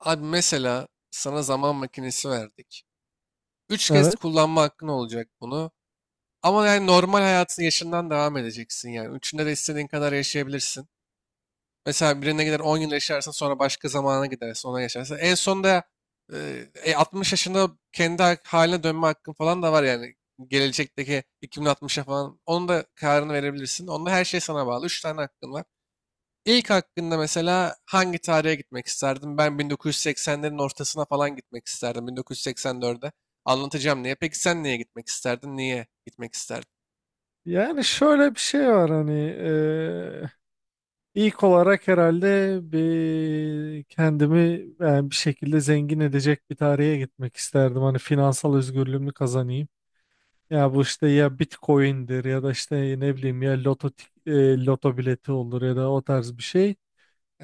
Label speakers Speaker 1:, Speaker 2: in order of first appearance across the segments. Speaker 1: Abi mesela sana zaman makinesi verdik. Üç kez
Speaker 2: Evet.
Speaker 1: kullanma hakkın olacak bunu. Ama yani normal hayatın yaşından devam edeceksin yani. Üçünde de istediğin kadar yaşayabilirsin. Mesela birine gider 10 yıl yaşarsın, sonra başka zamana gidersin, ona yaşarsın. En sonunda 60 yaşında kendi haline dönme hakkın falan da var yani. Gelecekteki 2060'a falan, onun da kararını verebilirsin. Onda her şey sana bağlı. Üç tane hakkın var. İlk hakkında mesela hangi tarihe gitmek isterdim? Ben 1980'lerin ortasına falan gitmek isterdim. 1984'e. Anlatacağım niye. Peki sen niye gitmek isterdin? Niye gitmek isterdin?
Speaker 2: Yani şöyle bir şey var hani ilk olarak herhalde bir kendimi yani bir şekilde zengin edecek bir tarihe gitmek isterdim. Hani finansal özgürlüğümü kazanayım. Ya bu işte ya Bitcoin'dir ya da işte ne bileyim ya loto bileti olur ya da o tarz bir şey.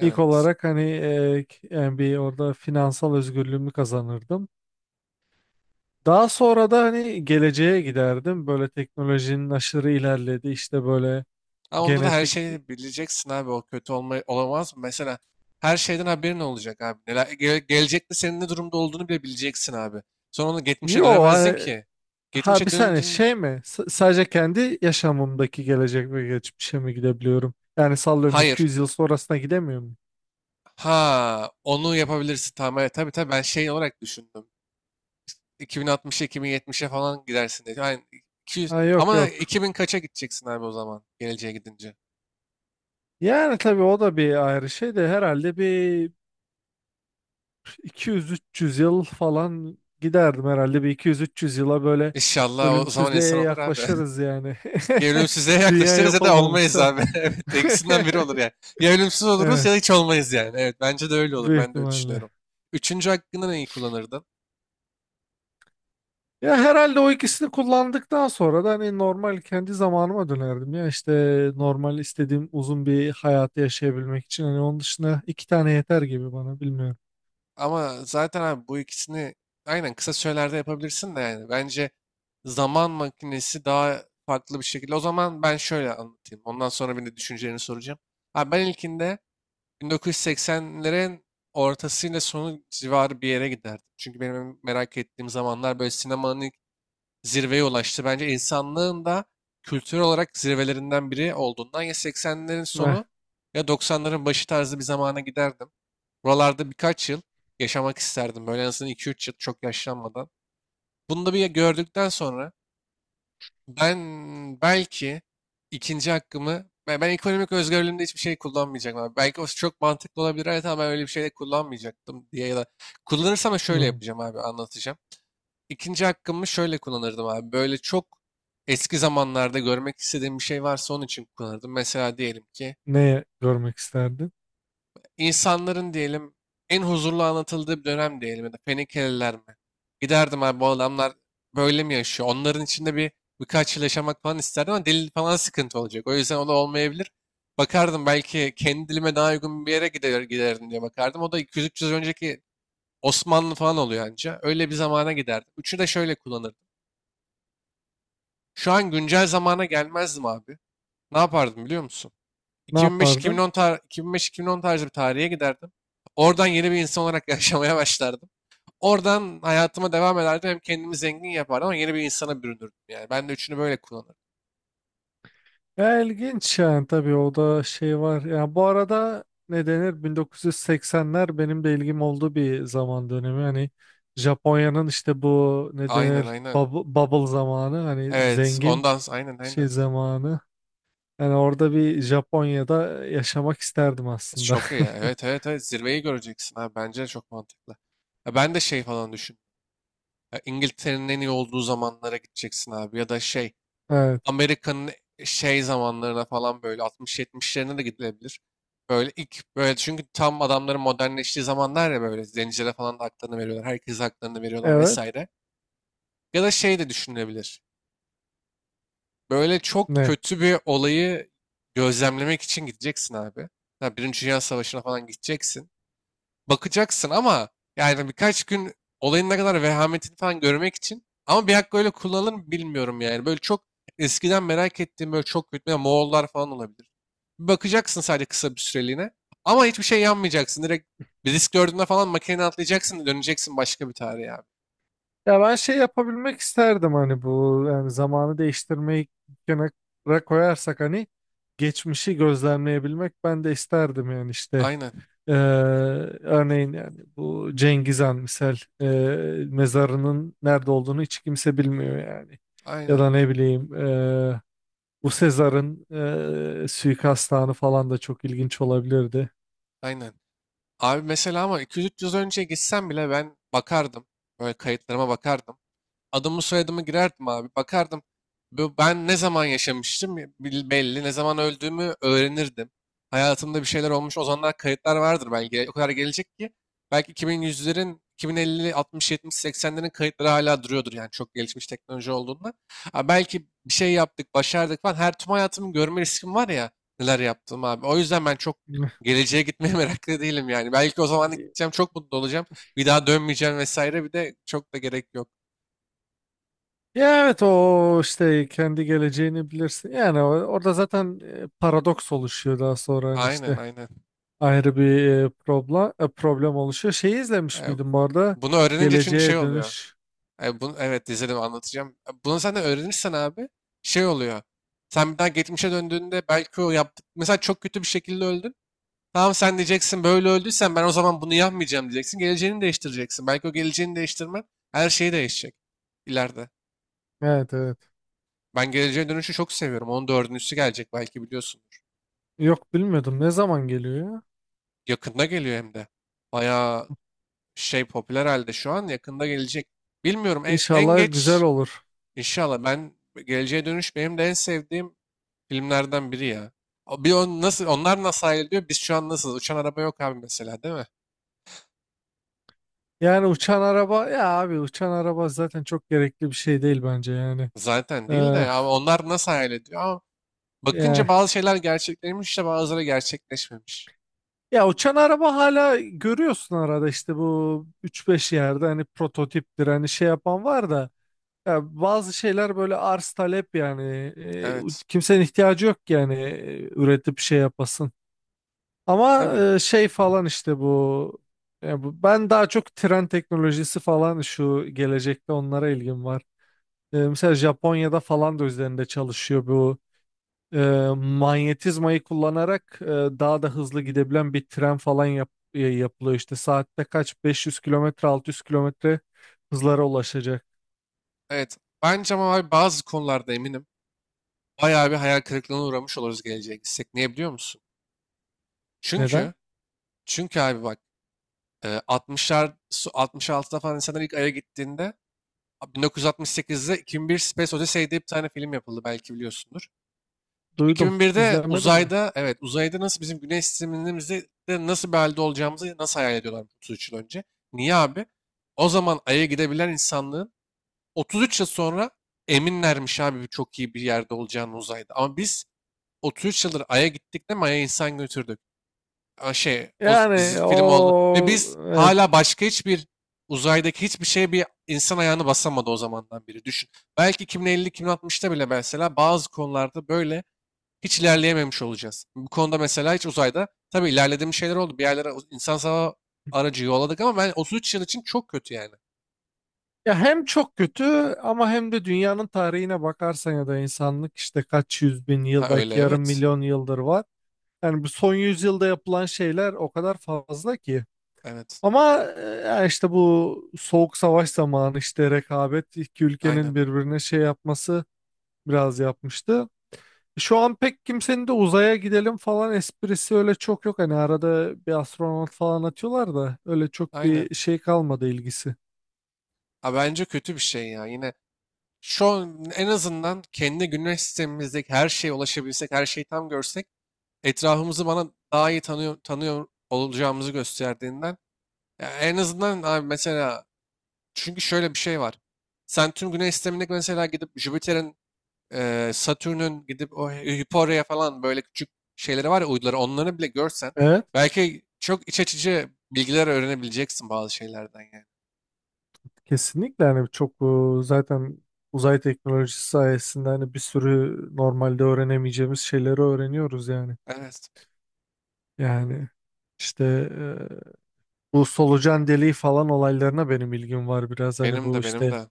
Speaker 2: İlk olarak hani yani bir orada finansal özgürlüğümü kazanırdım. Daha sonra da hani geleceğe giderdim. Böyle teknolojinin aşırı ilerledi işte böyle
Speaker 1: Ha, onda da her
Speaker 2: genetik.
Speaker 1: şeyi bileceksin abi. O kötü olma, olamaz mı? Mesela her şeyden haberin olacak abi. Neler, gelecekte senin ne durumda olduğunu bile bileceksin abi. Sonra onu geçmişe
Speaker 2: Yo
Speaker 1: dönemezdin
Speaker 2: hani
Speaker 1: ki.
Speaker 2: ha bir
Speaker 1: Geçmişe
Speaker 2: saniye
Speaker 1: döndün.
Speaker 2: şey mi? Sadece kendi yaşamımdaki gelecek ve geçmişe mi gidebiliyorum? Yani sallıyorum
Speaker 1: Hayır.
Speaker 2: 200 yıl sonrasına gidemiyor muyum?
Speaker 1: Ha, onu yapabilirsin. Tamam, evet, tabii tabii, ben şey olarak düşündüm. 2060'a, 2070'e falan gidersin dedi. Aynen. 200,
Speaker 2: Ha, yok
Speaker 1: ama
Speaker 2: yok.
Speaker 1: 2000 kaça gideceksin abi o zaman, geleceğe gidince.
Speaker 2: Yani tabii o da bir ayrı şey de herhalde bir 200-300 yıl falan giderdim, herhalde bir 200-300 yıla böyle
Speaker 1: İnşallah o zaman
Speaker 2: ölümsüzlüğe
Speaker 1: insan olur abi.
Speaker 2: yaklaşırız yani.
Speaker 1: Ya ölümsüzlüğe
Speaker 2: Dünya
Speaker 1: yaklaşırız
Speaker 2: yok
Speaker 1: ya da olmayız
Speaker 2: olmamışsa.
Speaker 1: abi. Evet, ikisinden biri olur yani. Ya ölümsüz oluruz
Speaker 2: Evet,
Speaker 1: ya da hiç olmayız yani. Evet, bence de öyle olur.
Speaker 2: büyük
Speaker 1: Ben de öyle
Speaker 2: ihtimalle.
Speaker 1: düşünüyorum. Üçüncü hakkını neyi kullanırdın?
Speaker 2: Ya herhalde o ikisini kullandıktan sonra da hani normal kendi zamanıma dönerdim, ya işte normal istediğim uzun bir hayatı yaşayabilmek için hani onun dışında iki tane yeter gibi bana, bilmiyorum.
Speaker 1: Ama zaten abi bu ikisini aynen kısa sürelerde yapabilirsin de yani. Bence zaman makinesi daha farklı bir şekilde. O zaman ben şöyle anlatayım. Ondan sonra bir de düşüncelerini soracağım. Abi ben ilkinde 1980'lerin ortasıyla sonu civarı bir yere giderdim. Çünkü benim merak ettiğim zamanlar böyle sinemanın ilk zirveye ulaştı. Bence insanlığın da kültür olarak zirvelerinden biri olduğundan, ya 80'lerin
Speaker 2: Eh,
Speaker 1: sonu ya 90'ların başı tarzı bir zamana giderdim. Buralarda birkaç yıl yaşamak isterdim. Böyle en azından 2-3 yıl, çok yaşlanmadan. Bunu da bir gördükten sonra ben belki ikinci hakkımı, ben ekonomik özgürlüğümde hiçbir şey kullanmayacağım abi. Belki o çok mantıklı olabilir, evet, ama ben öyle bir şey de kullanmayacaktım diye, ya da kullanırsam da şöyle
Speaker 2: hmm,
Speaker 1: yapacağım abi, anlatacağım. İkinci hakkımı şöyle kullanırdım abi. Böyle çok eski zamanlarda görmek istediğim bir şey varsa onun için kullanırdım. Mesela diyelim ki
Speaker 2: ne görmek isterdin?
Speaker 1: insanların diyelim en huzurlu anlatıldığı bir dönem diyelim, ya da Fenikeliler mi? Giderdim abi, bu adamlar böyle mi yaşıyor? Onların içinde bir birkaç yıl yaşamak falan isterdim ama dil falan sıkıntı olacak. O yüzden o da olmayabilir. Bakardım belki kendi dilime daha uygun bir yere giderdim diye bakardım. O da 200-300 önceki Osmanlı falan oluyor anca. Öyle bir zamana giderdim. Üçü de şöyle kullanırdım. Şu an güncel zamana gelmezdim abi. Ne yapardım biliyor musun?
Speaker 2: Ne
Speaker 1: 2005-2010
Speaker 2: yapardın?
Speaker 1: tar 2005-2010 tarzı bir tarihe giderdim. Oradan yeni bir insan olarak yaşamaya başlardım. Oradan hayatıma devam ederdim. Hem kendimi zengin yapardım ama yeni bir insana bürünürdüm. Yani ben de üçünü böyle kullanırdım.
Speaker 2: Ya ilginç yani, tabii o da şey var. Ya bu arada ne denir, 1980'ler benim de ilgim olduğu bir zaman dönemi. Hani Japonya'nın işte bu ne
Speaker 1: Aynen,
Speaker 2: denir,
Speaker 1: aynen.
Speaker 2: bubble, bubble zamanı, hani
Speaker 1: Evet,
Speaker 2: zengin
Speaker 1: aynen, aynen.
Speaker 2: şey zamanı. Yani orada bir Japonya'da yaşamak isterdim aslında.
Speaker 1: Çok iyi. Evet, evet, evet, zirveyi göreceksin abi. Bence çok mantıklı. Ya ben de şey falan düşün. Ya İngiltere'nin en iyi olduğu zamanlara gideceksin abi. Ya da şey,
Speaker 2: Evet,
Speaker 1: Amerika'nın şey zamanlarına falan, böyle 60-70'lerine de gidilebilir. Böyle ilk, böyle, çünkü tam adamların modernleştiği zamanlar ya, böyle zencilere falan da haklarını veriyorlar. Herkese haklarını veriyorlar
Speaker 2: evet.
Speaker 1: vesaire. Ya da şey de düşünülebilir. Böyle çok
Speaker 2: Ne?
Speaker 1: kötü bir olayı gözlemlemek için gideceksin abi. Ya Birinci Dünya Savaşı'na falan gideceksin, bakacaksın ama yani birkaç gün, olayın ne kadar vehametini falan görmek için. Ama bir hakkı öyle kullanılır mı bilmiyorum yani. Böyle çok eskiden merak ettiğim böyle çok kötü, ya Moğollar falan olabilir. Bir bakacaksın, sadece kısa bir süreliğine. Ama hiçbir şey yanmayacaksın. Direkt bir risk gördüğünde falan makineden atlayacaksın, döneceksin başka bir tarihe abi.
Speaker 2: Ya ben şey yapabilmek isterdim, hani bu yani zamanı değiştirmeyi kenara koyarsak hani geçmişi gözlemleyebilmek ben de isterdim yani işte.
Speaker 1: Aynen.
Speaker 2: Ee, örneğin yani bu Cengiz Han misal, mezarının nerede olduğunu hiç kimse bilmiyor yani. Ya
Speaker 1: Aynen.
Speaker 2: da ne bileyim, bu Sezar'ın suikast anı falan da çok ilginç olabilirdi.
Speaker 1: Aynen. Abi mesela, ama 200-300 önce gitsem bile ben bakardım. Böyle kayıtlarıma bakardım. Adımı soyadımı girerdim abi. Bakardım ben ne zaman yaşamıştım belli, ne zaman öldüğümü öğrenirdim. Hayatımda bir şeyler olmuş. O zamanlar kayıtlar vardır belki. O kadar gelecek ki belki 2100'lerin, 2050, 60, 70, 80'lerin kayıtları hala duruyordur yani, çok gelişmiş teknoloji olduğunda. Ha, belki bir şey yaptık, başardık falan. Her tüm hayatımı görme riskim var ya, neler yaptım abi. O yüzden ben çok geleceğe gitmeye meraklı değilim yani. Belki o zaman da gideceğim, çok mutlu olacağım. Bir daha dönmeyeceğim vesaire. Bir de çok da gerek yok.
Speaker 2: Ya evet, o işte kendi geleceğini bilirsin. Yani orada zaten paradoks oluşuyor daha sonra hani
Speaker 1: Aynen,
Speaker 2: işte
Speaker 1: aynen.
Speaker 2: ayrı bir problem oluşuyor. Şeyi
Speaker 1: E,
Speaker 2: izlemiş miydin bu arada?
Speaker 1: Bunu öğrenince çünkü şey
Speaker 2: Geleceğe
Speaker 1: oluyor.
Speaker 2: Dönüş.
Speaker 1: Bunu, evet, izledim, anlatacağım. Bunu sen de öğrenirsen abi şey oluyor. Sen bir daha geçmişe döndüğünde belki o yaptık. Mesela çok kötü bir şekilde öldün. Tamam, sen diyeceksin, böyle öldüysen ben o zaman bunu yapmayacağım diyeceksin. Geleceğini değiştireceksin. Belki o geleceğini değiştirmen, her şeyi değişecek ileride.
Speaker 2: Evet, evet.
Speaker 1: Ben geleceğe dönüşü çok seviyorum. Onun dördüncüsü gelecek, belki biliyorsundur.
Speaker 2: Yok, bilmiyordum. Ne zaman geliyor ya?
Speaker 1: Yakında geliyor hem de. Bayağı şey popüler halde şu an, yakında gelecek. Bilmiyorum, en
Speaker 2: İnşallah güzel
Speaker 1: geç.
Speaker 2: olur.
Speaker 1: İnşallah, ben Geleceğe Dönüş benim de en sevdiğim filmlerden biri ya. Nasıl onlar nasıl hayal ediyor? Biz şu an nasıl? Uçan araba yok abi mesela, değil mi?
Speaker 2: Yani uçan araba ya abi, uçan araba zaten çok gerekli bir şey değil bence yani.
Speaker 1: Zaten değil
Speaker 2: Ee,
Speaker 1: de, ama onlar nasıl hayal ediyor? Ama
Speaker 2: yani.
Speaker 1: bakınca bazı şeyler gerçekleşmiş de bazıları gerçekleşmemiş.
Speaker 2: Ya uçan araba hala görüyorsun, arada işte bu üç beş yerde hani prototiptir hani, şey yapan var da ya bazı şeyler böyle arz talep yani. E,
Speaker 1: Evet.
Speaker 2: kimsenin ihtiyacı yok ki yani üretip şey yapasın. Ama
Speaker 1: Tabii.
Speaker 2: şey falan işte bu, ya bu ben daha çok tren teknolojisi falan, şu gelecekte onlara ilgim var. Mesela Japonya'da falan da üzerinde çalışıyor bu e, manyetizmayı kullanarak daha da hızlı gidebilen bir tren falan yapılıyor, işte saatte kaç, 500 kilometre 600 kilometre hızlara ulaşacak.
Speaker 1: Evet. Bence ama abi bazı konularda eminim. Bayağı bir hayal kırıklığına uğramış oluruz geleceğe gitsek. Niye biliyor musun?
Speaker 2: Neden?
Speaker 1: Çünkü çünkü abi bak, 60'lar, 66'da falan insanlar ilk Ay'a gittiğinde. Abi, 1968'de 2001 Space Odyssey diye bir tane film yapıldı, belki biliyorsundur.
Speaker 2: Duydum.
Speaker 1: 2001'de
Speaker 2: İzlemedim de.
Speaker 1: uzayda, evet, uzayda, nasıl bizim güneş sistemimizde de nasıl bir halde olacağımızı nasıl hayal ediyorlar 33 yıl önce. Niye abi? O zaman Ay'a gidebilen insanlığın 33 yıl sonra eminlermiş abi, çok iyi bir yerde olacağını uzayda. Ama biz 33 yıldır Ay'a gittik de, Ay'a insan götürdük, şey,
Speaker 2: Yani
Speaker 1: dizi film oldu. Ve
Speaker 2: o,
Speaker 1: biz hala
Speaker 2: evet.
Speaker 1: başka hiçbir uzaydaki hiçbir şeye bir insan ayağını basamadı o zamandan beri. Düşün. Belki 2050, 2060'ta bile mesela bazı konularda böyle hiç ilerleyememiş olacağız. Bu konuda mesela hiç uzayda, tabii ilerlediğim şeyler oldu. Bir yerlere insan sava aracı yolladık ama ben 33 yıl için çok kötü yani.
Speaker 2: Ya hem çok kötü ama hem de dünyanın tarihine bakarsan ya da insanlık işte kaç yüz bin
Speaker 1: Ha
Speaker 2: yıl,
Speaker 1: öyle,
Speaker 2: belki yarım
Speaker 1: evet.
Speaker 2: milyon yıldır var. Yani bu son yüzyılda yapılan şeyler o kadar fazla ki.
Speaker 1: Evet.
Speaker 2: Ama işte bu soğuk savaş zamanı işte rekabet, iki
Speaker 1: Aynen.
Speaker 2: ülkenin birbirine şey yapması biraz yapmıştı. Şu an pek kimsenin de uzaya gidelim falan esprisi öyle çok yok. Hani arada bir astronot falan atıyorlar da öyle çok
Speaker 1: Aynen.
Speaker 2: bir şey kalmadı ilgisi.
Speaker 1: Ha, bence kötü bir şey ya. Yine şu an en azından kendi güneş sistemimizdeki her şeye ulaşabilsek, her şeyi tam görsek etrafımızı, bana daha iyi tanıyor olacağımızı gösterdiğinden. Ya en azından abi mesela, çünkü şöyle bir şey var. Sen tüm Güney sistemindeki mesela gidip Jüpiter'in, Satürn'ün, gidip o Hyperia falan böyle küçük şeyleri var ya, uyduları, onları bile görsen
Speaker 2: Evet.
Speaker 1: belki çok iç açıcı bilgiler öğrenebileceksin bazı şeylerden yani.
Speaker 2: Kesinlikle, hani çok zaten uzay teknolojisi sayesinde hani bir sürü normalde öğrenemeyeceğimiz şeyleri öğreniyoruz yani.
Speaker 1: Evet.
Speaker 2: Yani işte bu solucan deliği falan olaylarına benim ilgim var biraz. Hani
Speaker 1: Benim
Speaker 2: bu
Speaker 1: de, benim
Speaker 2: işte
Speaker 1: de.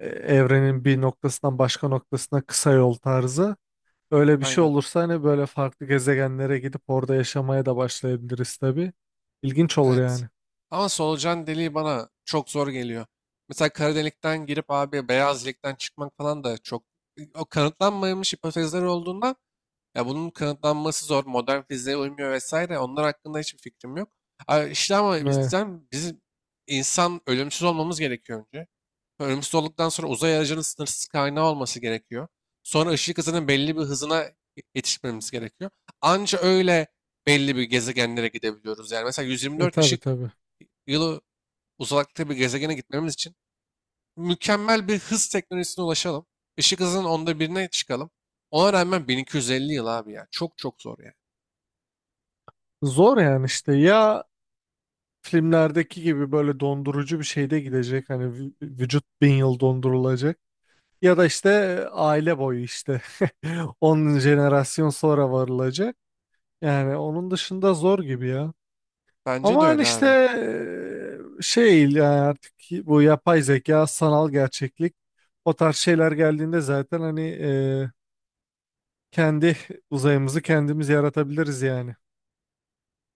Speaker 2: evrenin bir noktasından başka noktasına kısa yol tarzı. Öyle bir şey
Speaker 1: Aynen.
Speaker 2: olursa hani böyle farklı gezegenlere gidip orada yaşamaya da başlayabiliriz tabii. İlginç olur
Speaker 1: Evet.
Speaker 2: yani.
Speaker 1: Ama solucan deliği bana çok zor geliyor. Mesela kara delikten girip abi beyaz delikten çıkmak falan da çok, o kanıtlanmamış hipotezler olduğunda ya, bunun kanıtlanması zor. Modern fiziğe uymuyor vesaire. Onlar hakkında hiçbir fikrim yok. İşte ama
Speaker 2: Ve,
Speaker 1: bizim insan ölümsüz olmamız gerekiyor önce. Ölümsüz olduktan sonra uzay aracının sınırsız kaynağı olması gerekiyor. Sonra ışık hızının belli bir hızına yetişmemiz gerekiyor. Anca öyle belli bir gezegenlere gidebiliyoruz. Yani mesela 124
Speaker 2: tabii
Speaker 1: ışık
Speaker 2: tabii.
Speaker 1: yılı uzakta bir gezegene gitmemiz için mükemmel bir hız teknolojisine ulaşalım. Işık hızının onda birine çıkalım. Ona rağmen 1250 yıl abi ya. Çok çok zor yani.
Speaker 2: Zor yani, işte ya filmlerdeki gibi böyle dondurucu bir şeyde gidecek. Hani vücut bin yıl dondurulacak. Ya da işte aile boyu işte 10 jenerasyon sonra varılacak. Yani onun dışında zor gibi ya.
Speaker 1: Bence
Speaker 2: Ama
Speaker 1: de
Speaker 2: hani
Speaker 1: öyle
Speaker 2: işte
Speaker 1: abi.
Speaker 2: şey yani artık bu yapay zeka, sanal gerçeklik o tarz şeyler geldiğinde zaten hani kendi uzayımızı kendimiz yaratabiliriz yani.